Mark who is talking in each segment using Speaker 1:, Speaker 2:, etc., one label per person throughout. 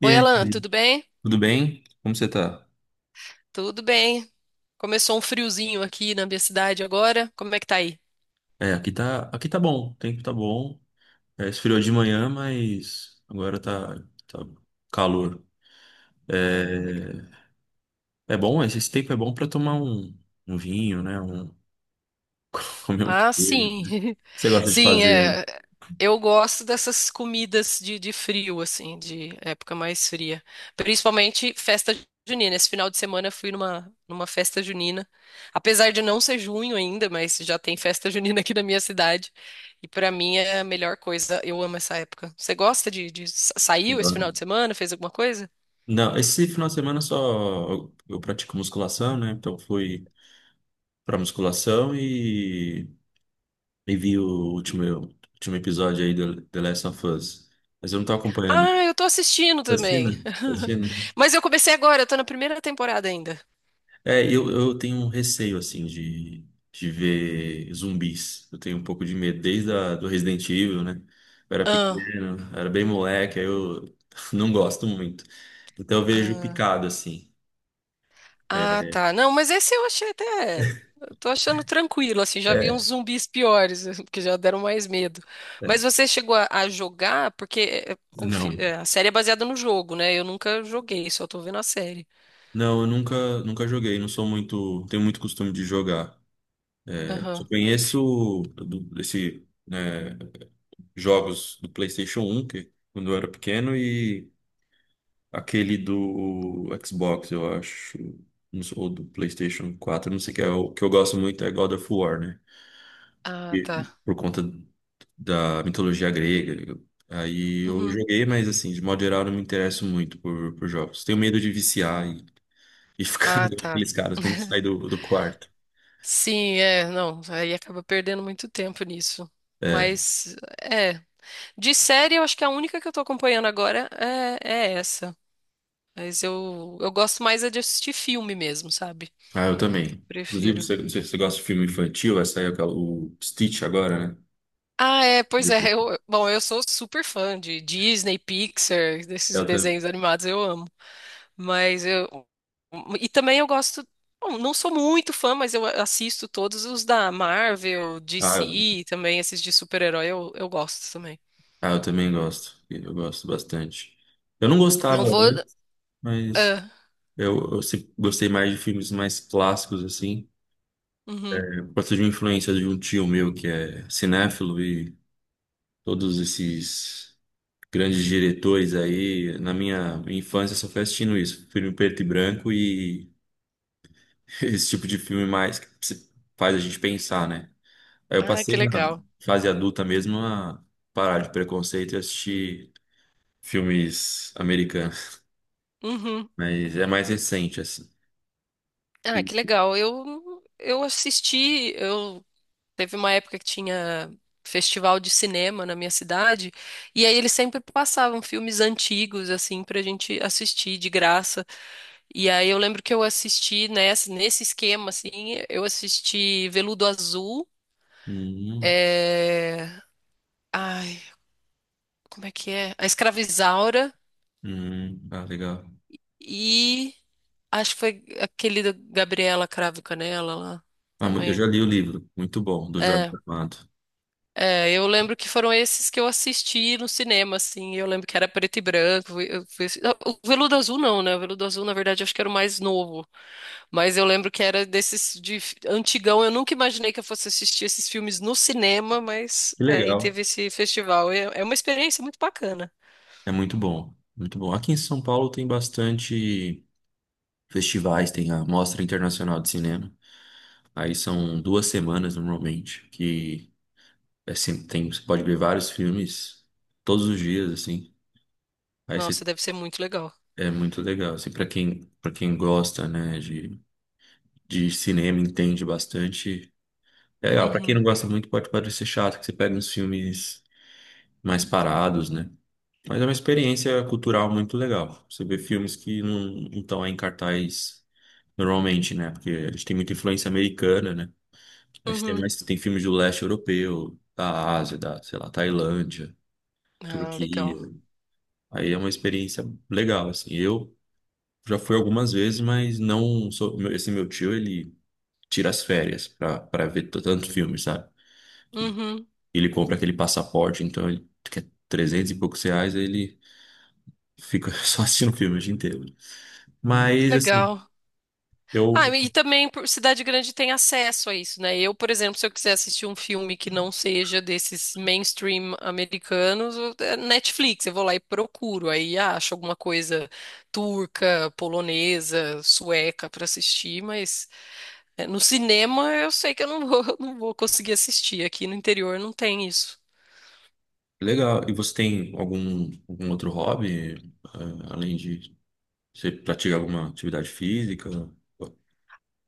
Speaker 1: E
Speaker 2: Oi, Alan,
Speaker 1: aí,
Speaker 2: tudo bem?
Speaker 1: tudo bem? Como você tá?
Speaker 2: Tudo bem. Começou um friozinho aqui na minha cidade agora. Como é que tá aí?
Speaker 1: Aqui tá, aqui tá bom, o tempo tá bom. É, esfriou de manhã, mas agora tá, tá calor.
Speaker 2: Ah, legal.
Speaker 1: É, é bom, esse tempo é bom pra tomar um, um vinho, né? Um, comer um
Speaker 2: Ah,
Speaker 1: queijo.
Speaker 2: sim.
Speaker 1: Você gosta de
Speaker 2: Sim,
Speaker 1: fazer?
Speaker 2: é. Eu gosto dessas comidas de frio, assim, de época mais fria. Principalmente festa junina. Esse final de semana eu fui numa festa junina. Apesar de não ser junho ainda, mas já tem festa junina aqui na minha cidade. E pra mim é a melhor coisa. Eu amo essa época. Você gosta de saiu esse final de semana? Fez alguma coisa?
Speaker 1: Não, esse final de semana só eu pratico musculação, né? Então fui pra musculação e vi o último, último episódio aí do The Last of Us. Mas eu não tô acompanhando.
Speaker 2: Ah, eu tô assistindo
Speaker 1: Fascina,
Speaker 2: também.
Speaker 1: fascina.
Speaker 2: Mas eu comecei agora, eu tô na primeira temporada ainda.
Speaker 1: Eu tenho um receio, assim, de ver zumbis. Eu tenho um pouco de medo, desde a, do Resident Evil, né? Eu era
Speaker 2: Ah,
Speaker 1: pequeno, era bem moleque, aí eu não gosto muito. Então eu vejo
Speaker 2: ah,
Speaker 1: picado, assim.
Speaker 2: ah,
Speaker 1: É,
Speaker 2: tá. Não, mas esse eu achei até. Eu tô achando tranquilo, assim, já vi uns
Speaker 1: é,
Speaker 2: zumbis piores, que já deram mais medo. Mas
Speaker 1: é.
Speaker 2: você chegou a jogar, porque é, é, o fi-
Speaker 1: Não.
Speaker 2: é, a série é baseada no jogo, né? Eu nunca joguei, só tô vendo a série.
Speaker 1: Não, eu nunca, nunca joguei, não sou muito, tenho muito costume de jogar. Só
Speaker 2: Aham.
Speaker 1: conheço do, desse, né, jogos do PlayStation 1, que quando eu era pequeno, aquele do Xbox, eu acho, não sei. Ou do PlayStation 4, não sei o que é. O que eu gosto muito é God of War, né?
Speaker 2: Ah,
Speaker 1: E
Speaker 2: tá.
Speaker 1: por conta da mitologia grega. Aí eu
Speaker 2: Uhum.
Speaker 1: joguei, mas, assim, de modo geral, eu não me interesso muito por jogos. Tenho medo de viciar e ficar
Speaker 2: Ah,
Speaker 1: igual
Speaker 2: tá.
Speaker 1: aqueles caras que não saem do, do quarto.
Speaker 2: Sim, é, não, aí acaba perdendo muito tempo nisso.
Speaker 1: É.
Speaker 2: Mas, é. De série, eu acho que a única que eu tô acompanhando agora é essa. Mas eu gosto mais é de assistir filme mesmo, sabe?
Speaker 1: Ah, eu também. Inclusive,
Speaker 2: Prefiro.
Speaker 1: você, não sei se você gosta de filme infantil, vai sair aquela- o Stitch agora, né?
Speaker 2: Ah, é, pois é. Bom, eu sou super fã de Disney, Pixar, desses
Speaker 1: Eu
Speaker 2: desenhos
Speaker 1: também.
Speaker 2: animados, eu amo. Mas eu. E também eu gosto. Bom, não sou muito fã, mas eu assisto todos os da Marvel,
Speaker 1: Ah,
Speaker 2: DC, também esses de super-herói eu gosto também.
Speaker 1: ah, eu também gosto. Eu gosto bastante. Eu não gostava
Speaker 2: Não vou.
Speaker 1: antes, mas
Speaker 2: Ah,
Speaker 1: eu sempre gostei mais de filmes mais clássicos, assim.
Speaker 2: uhum.
Speaker 1: Eu gosto de uma influência de um tio meu que é cinéfilo e todos esses grandes diretores aí. Na minha infância, eu só fui assistindo isso. Filme preto e branco e esse tipo de filme mais que se- faz a gente pensar, né? Aí eu
Speaker 2: Ah,
Speaker 1: passei
Speaker 2: que
Speaker 1: na
Speaker 2: legal.
Speaker 1: fase adulta mesmo a parar de preconceito e assistir filmes americanos.
Speaker 2: Uhum.
Speaker 1: Mas é mais recente, assim.
Speaker 2: Ah, que
Speaker 1: E-
Speaker 2: legal. Eu teve uma época que tinha festival de cinema na minha cidade, e aí eles sempre passavam filmes antigos assim pra gente assistir de graça. E aí eu lembro que eu assisti nesse esquema assim, eu assisti Veludo Azul,
Speaker 1: hum,
Speaker 2: é... Ai, como é que é? A Escravizaura
Speaker 1: ah, legal.
Speaker 2: e acho que foi aquele da Gabriela Cravo e Canela lá
Speaker 1: Ah, mu- eu já
Speaker 2: também.
Speaker 1: li o livro, muito bom, do Jorge
Speaker 2: É.
Speaker 1: Amado.
Speaker 2: É, eu lembro que foram esses que eu assisti no cinema, assim. Eu lembro que era preto e branco. O Veludo Azul não, né? O Veludo Azul, na verdade, acho que era o mais novo. Mas eu lembro que era desses antigão. Eu nunca imaginei que eu fosse assistir esses filmes no cinema, mas
Speaker 1: Que
Speaker 2: aí
Speaker 1: legal.
Speaker 2: teve esse festival. É, é uma experiência muito bacana.
Speaker 1: É muito bom, muito bom. Aqui em São Paulo tem bastante festivais, tem a Mostra Internacional de Cinema. Aí são duas semanas normalmente, que é sempre, tem, você pode ver vários filmes todos os dias, assim. Aí
Speaker 2: Nossa,
Speaker 1: você,
Speaker 2: deve ser muito legal.
Speaker 1: é muito legal, assim, para quem gosta, né, de cinema, entende bastante. É, ó, pra quem
Speaker 2: Uhum,
Speaker 1: não gosta muito, pode parecer chato que você pega uns filmes mais parados, né? Mas é uma experiência cultural muito legal. Você vê filmes que não estão aí em cartaz normalmente, né? Porque a gente tem muita influência americana, né? Aí você tem
Speaker 2: uhum.
Speaker 1: mais, tem filmes do leste europeu, da Ásia, da, sei lá, Tailândia,
Speaker 2: Ah,
Speaker 1: Turquia.
Speaker 2: legal.
Speaker 1: Aí é uma experiência legal, assim. Eu já fui algumas vezes, mas não sou, meu- esse meu tio, ele tira as férias pra, pra ver t- tanto filme, sabe?
Speaker 2: Uhum,
Speaker 1: Ele compra aquele passaporte, então ele quer 300 e poucos reais, aí ele fica só assistindo filme o dia inteiro. Uhum. Mas, assim,
Speaker 2: legal.
Speaker 1: eu.
Speaker 2: Ah, e também por cidade grande tem acesso a isso, né? Eu, por exemplo, se eu quiser assistir um filme que não seja desses mainstream americanos, é Netflix, eu vou lá e procuro, aí acho alguma coisa turca, polonesa, sueca para assistir, mas é, no cinema eu sei que eu não vou, não vou conseguir assistir. Aqui no interior não tem isso.
Speaker 1: Legal. E você tem algum, algum outro hobby, ah, além de. Você pratica alguma atividade física?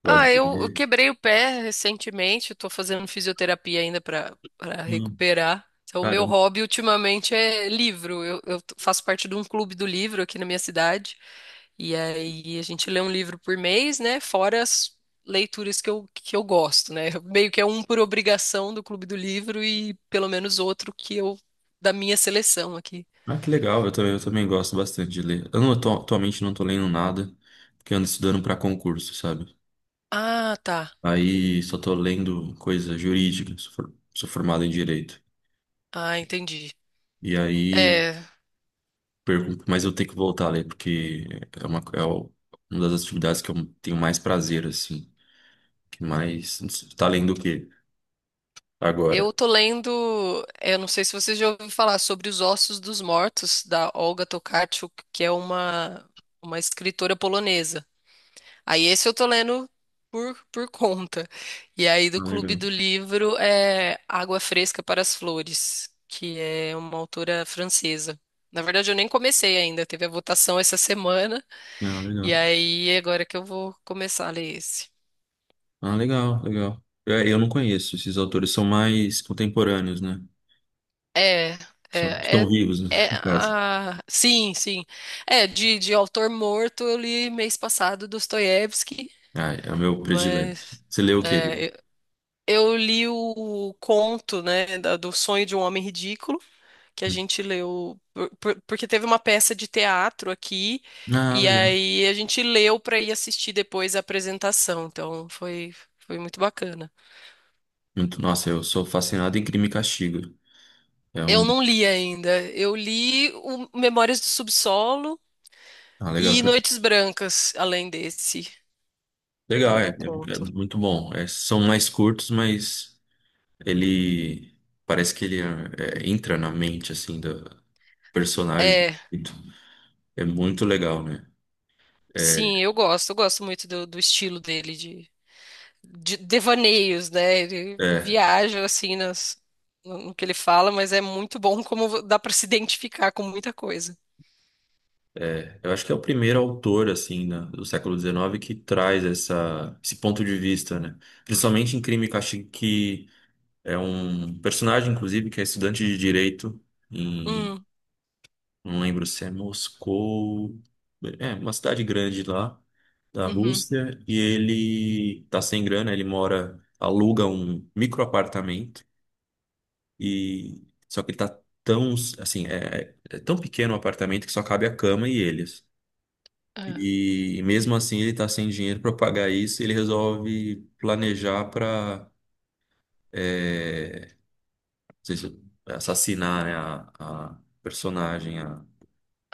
Speaker 1: Gosta
Speaker 2: Ah,
Speaker 1: de
Speaker 2: eu
Speaker 1: ler?
Speaker 2: quebrei o pé recentemente. Estou fazendo fisioterapia ainda para
Speaker 1: Hum,
Speaker 2: recuperar. Então, o meu
Speaker 1: caramba.
Speaker 2: hobby ultimamente é livro. Eu faço parte de um clube do livro aqui na minha cidade. E aí a gente lê um livro por mês, né? Fora as leituras que eu gosto, né? Meio que é um por obrigação do clube do livro e pelo menos outro que eu da minha seleção aqui.
Speaker 1: Ah, que legal. Eu também gosto bastante de ler. Eu não, atu- atualmente não tô lendo nada, porque eu ando estudando para concurso, sabe?
Speaker 2: Ah, tá.
Speaker 1: Aí só tô lendo coisa jurídica, sou, for- sou formado em direito.
Speaker 2: Ah, entendi.
Speaker 1: E aí
Speaker 2: É.
Speaker 1: pergunto, mas eu tenho que voltar ali, porque é uma, é o- uma das atividades que eu tenho mais prazer, assim. Que mais. Não tá além do que agora.
Speaker 2: Eu tô lendo, eu não sei se você já ouviu falar sobre Os Ossos dos Mortos, da Olga Tokarczuk, que é uma escritora polonesa. Aí esse eu tô lendo por conta. E aí
Speaker 1: Ah,
Speaker 2: do Clube
Speaker 1: legal.
Speaker 2: do Livro é Água Fresca para as Flores, que é uma autora francesa. Na verdade, eu nem comecei ainda, teve a votação essa semana,
Speaker 1: Ah,
Speaker 2: e
Speaker 1: legal.
Speaker 2: aí agora que eu vou começar a ler esse.
Speaker 1: Ah, legal, legal. Eu, não conheço, esses autores são mais contemporâneos, né?
Speaker 2: É,
Speaker 1: São,
Speaker 2: é,
Speaker 1: estão
Speaker 2: é,
Speaker 1: vivos, né? No caso.
Speaker 2: sim, sim. É, de autor morto eu li mês passado Dostoiévski,
Speaker 1: Ah, é o meu predileto.
Speaker 2: mas
Speaker 1: Você leu o quê?
Speaker 2: é, eu li o conto, né, do Sonho de um Homem Ridículo, que a gente leu, porque teve uma peça de teatro aqui,
Speaker 1: Ah,
Speaker 2: e
Speaker 1: legal.
Speaker 2: aí a gente leu para ir assistir depois a apresentação, então foi muito bacana.
Speaker 1: Muito- nossa, eu sou fascinado em Crime e Castigo. É um.
Speaker 2: Eu não li ainda. Eu li o Memórias do Subsolo
Speaker 1: Ah,
Speaker 2: e
Speaker 1: legal.
Speaker 2: Noites Brancas, além desse,
Speaker 1: Legal, é.
Speaker 2: do
Speaker 1: É, é
Speaker 2: conto.
Speaker 1: muito bom. É, são mais curtos, mas. Ele parece que ele é, é, entra na mente assim do personagem.
Speaker 2: É,
Speaker 1: É muito legal, né? É,
Speaker 2: sim, eu gosto muito do estilo dele, de devaneios, né? Ele
Speaker 1: é,
Speaker 2: viaja, assim, nas, no, no que ele fala, mas é muito bom como dá pra se identificar com muita coisa.
Speaker 1: é. Eu acho que é o primeiro autor assim da- do século XIX que traz essa, esse ponto de vista, né? Principalmente em Crime e Castigo, que é um personagem, inclusive, que é estudante de direito.
Speaker 2: Hum,
Speaker 1: Não lembro se é Moscou. É, uma cidade grande lá da
Speaker 2: uhum,
Speaker 1: Rússia. E ele tá sem grana, ele mora, aluga um microapartamento. E só que ele tá tão, assim, é, é tão pequeno o apartamento que só cabe a cama e eles.
Speaker 2: é,
Speaker 1: E mesmo assim ele tá sem dinheiro para pagar isso, e ele resolve planejar para assassinar, né, a personagem.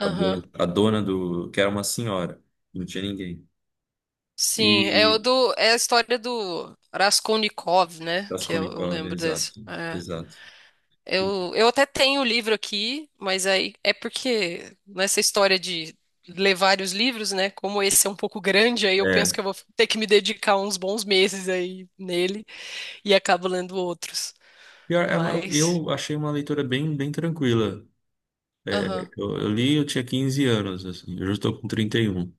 Speaker 1: A dona do. Que era uma senhora, não tinha ninguém.
Speaker 2: Sim, é, o
Speaker 1: E.
Speaker 2: do, é a história do Raskolnikov, né? Que eu
Speaker 1: Raskolnikov,
Speaker 2: lembro desse.
Speaker 1: exato,
Speaker 2: É.
Speaker 1: exato. E-
Speaker 2: Eu até tenho o livro aqui, mas aí é porque nessa história de ler vários livros, né? Como esse é um pouco grande, aí eu penso
Speaker 1: é.
Speaker 2: que eu vou ter que me dedicar uns bons meses aí nele e acabo lendo outros.
Speaker 1: Pior, é uma-
Speaker 2: Mas,
Speaker 1: eu achei uma leitura bem, bem tranquila. É,
Speaker 2: aham.
Speaker 1: eu li, eu tinha 15 anos, assim, eu já estou com 31.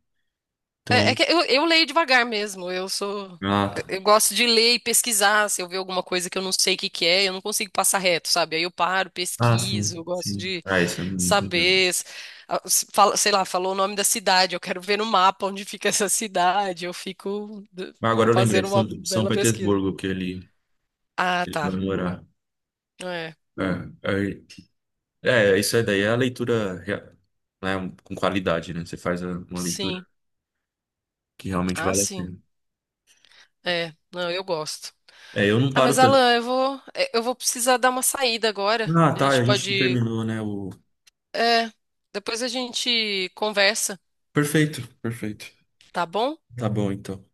Speaker 2: É, é
Speaker 1: Então.
Speaker 2: que eu leio devagar mesmo.
Speaker 1: Ah, tá.
Speaker 2: Eu gosto de ler e pesquisar. Se eu ver alguma coisa que eu não sei o que que é, eu não consigo passar reto, sabe? Aí eu paro,
Speaker 1: Ah,
Speaker 2: pesquiso.
Speaker 1: sim,
Speaker 2: Eu gosto
Speaker 1: sim.
Speaker 2: de
Speaker 1: Ah, isso é muito legal.
Speaker 2: saber, sei lá, falou o nome da cidade, eu quero ver no mapa onde fica essa cidade,
Speaker 1: Mas agora eu lembrei,
Speaker 2: fazendo uma
Speaker 1: São, São
Speaker 2: bela pesquisa.
Speaker 1: Petersburgo que ele,
Speaker 2: Ah,
Speaker 1: ele vai
Speaker 2: tá.
Speaker 1: morar.
Speaker 2: É,
Speaker 1: É, é, é, isso aí daí é a leitura, rea- né, com qualidade, né? Você faz a- uma leitura
Speaker 2: sim.
Speaker 1: que realmente
Speaker 2: Ah,
Speaker 1: vale a
Speaker 2: sim.
Speaker 1: pena.
Speaker 2: É, não, eu gosto.
Speaker 1: É, eu não
Speaker 2: Ah,
Speaker 1: paro
Speaker 2: mas
Speaker 1: tanto.
Speaker 2: Alan, eu vou precisar dar uma saída agora.
Speaker 1: Ah,
Speaker 2: A
Speaker 1: tá,
Speaker 2: gente
Speaker 1: a gente
Speaker 2: pode,
Speaker 1: terminou, né? O...
Speaker 2: é, depois a gente conversa,
Speaker 1: Perfeito, perfeito.
Speaker 2: tá bom?
Speaker 1: Tá bom, então.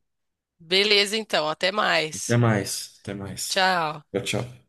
Speaker 2: Beleza, então, até
Speaker 1: Até
Speaker 2: mais.
Speaker 1: mais, até mais.
Speaker 2: Tchau.
Speaker 1: Tchau, tchau.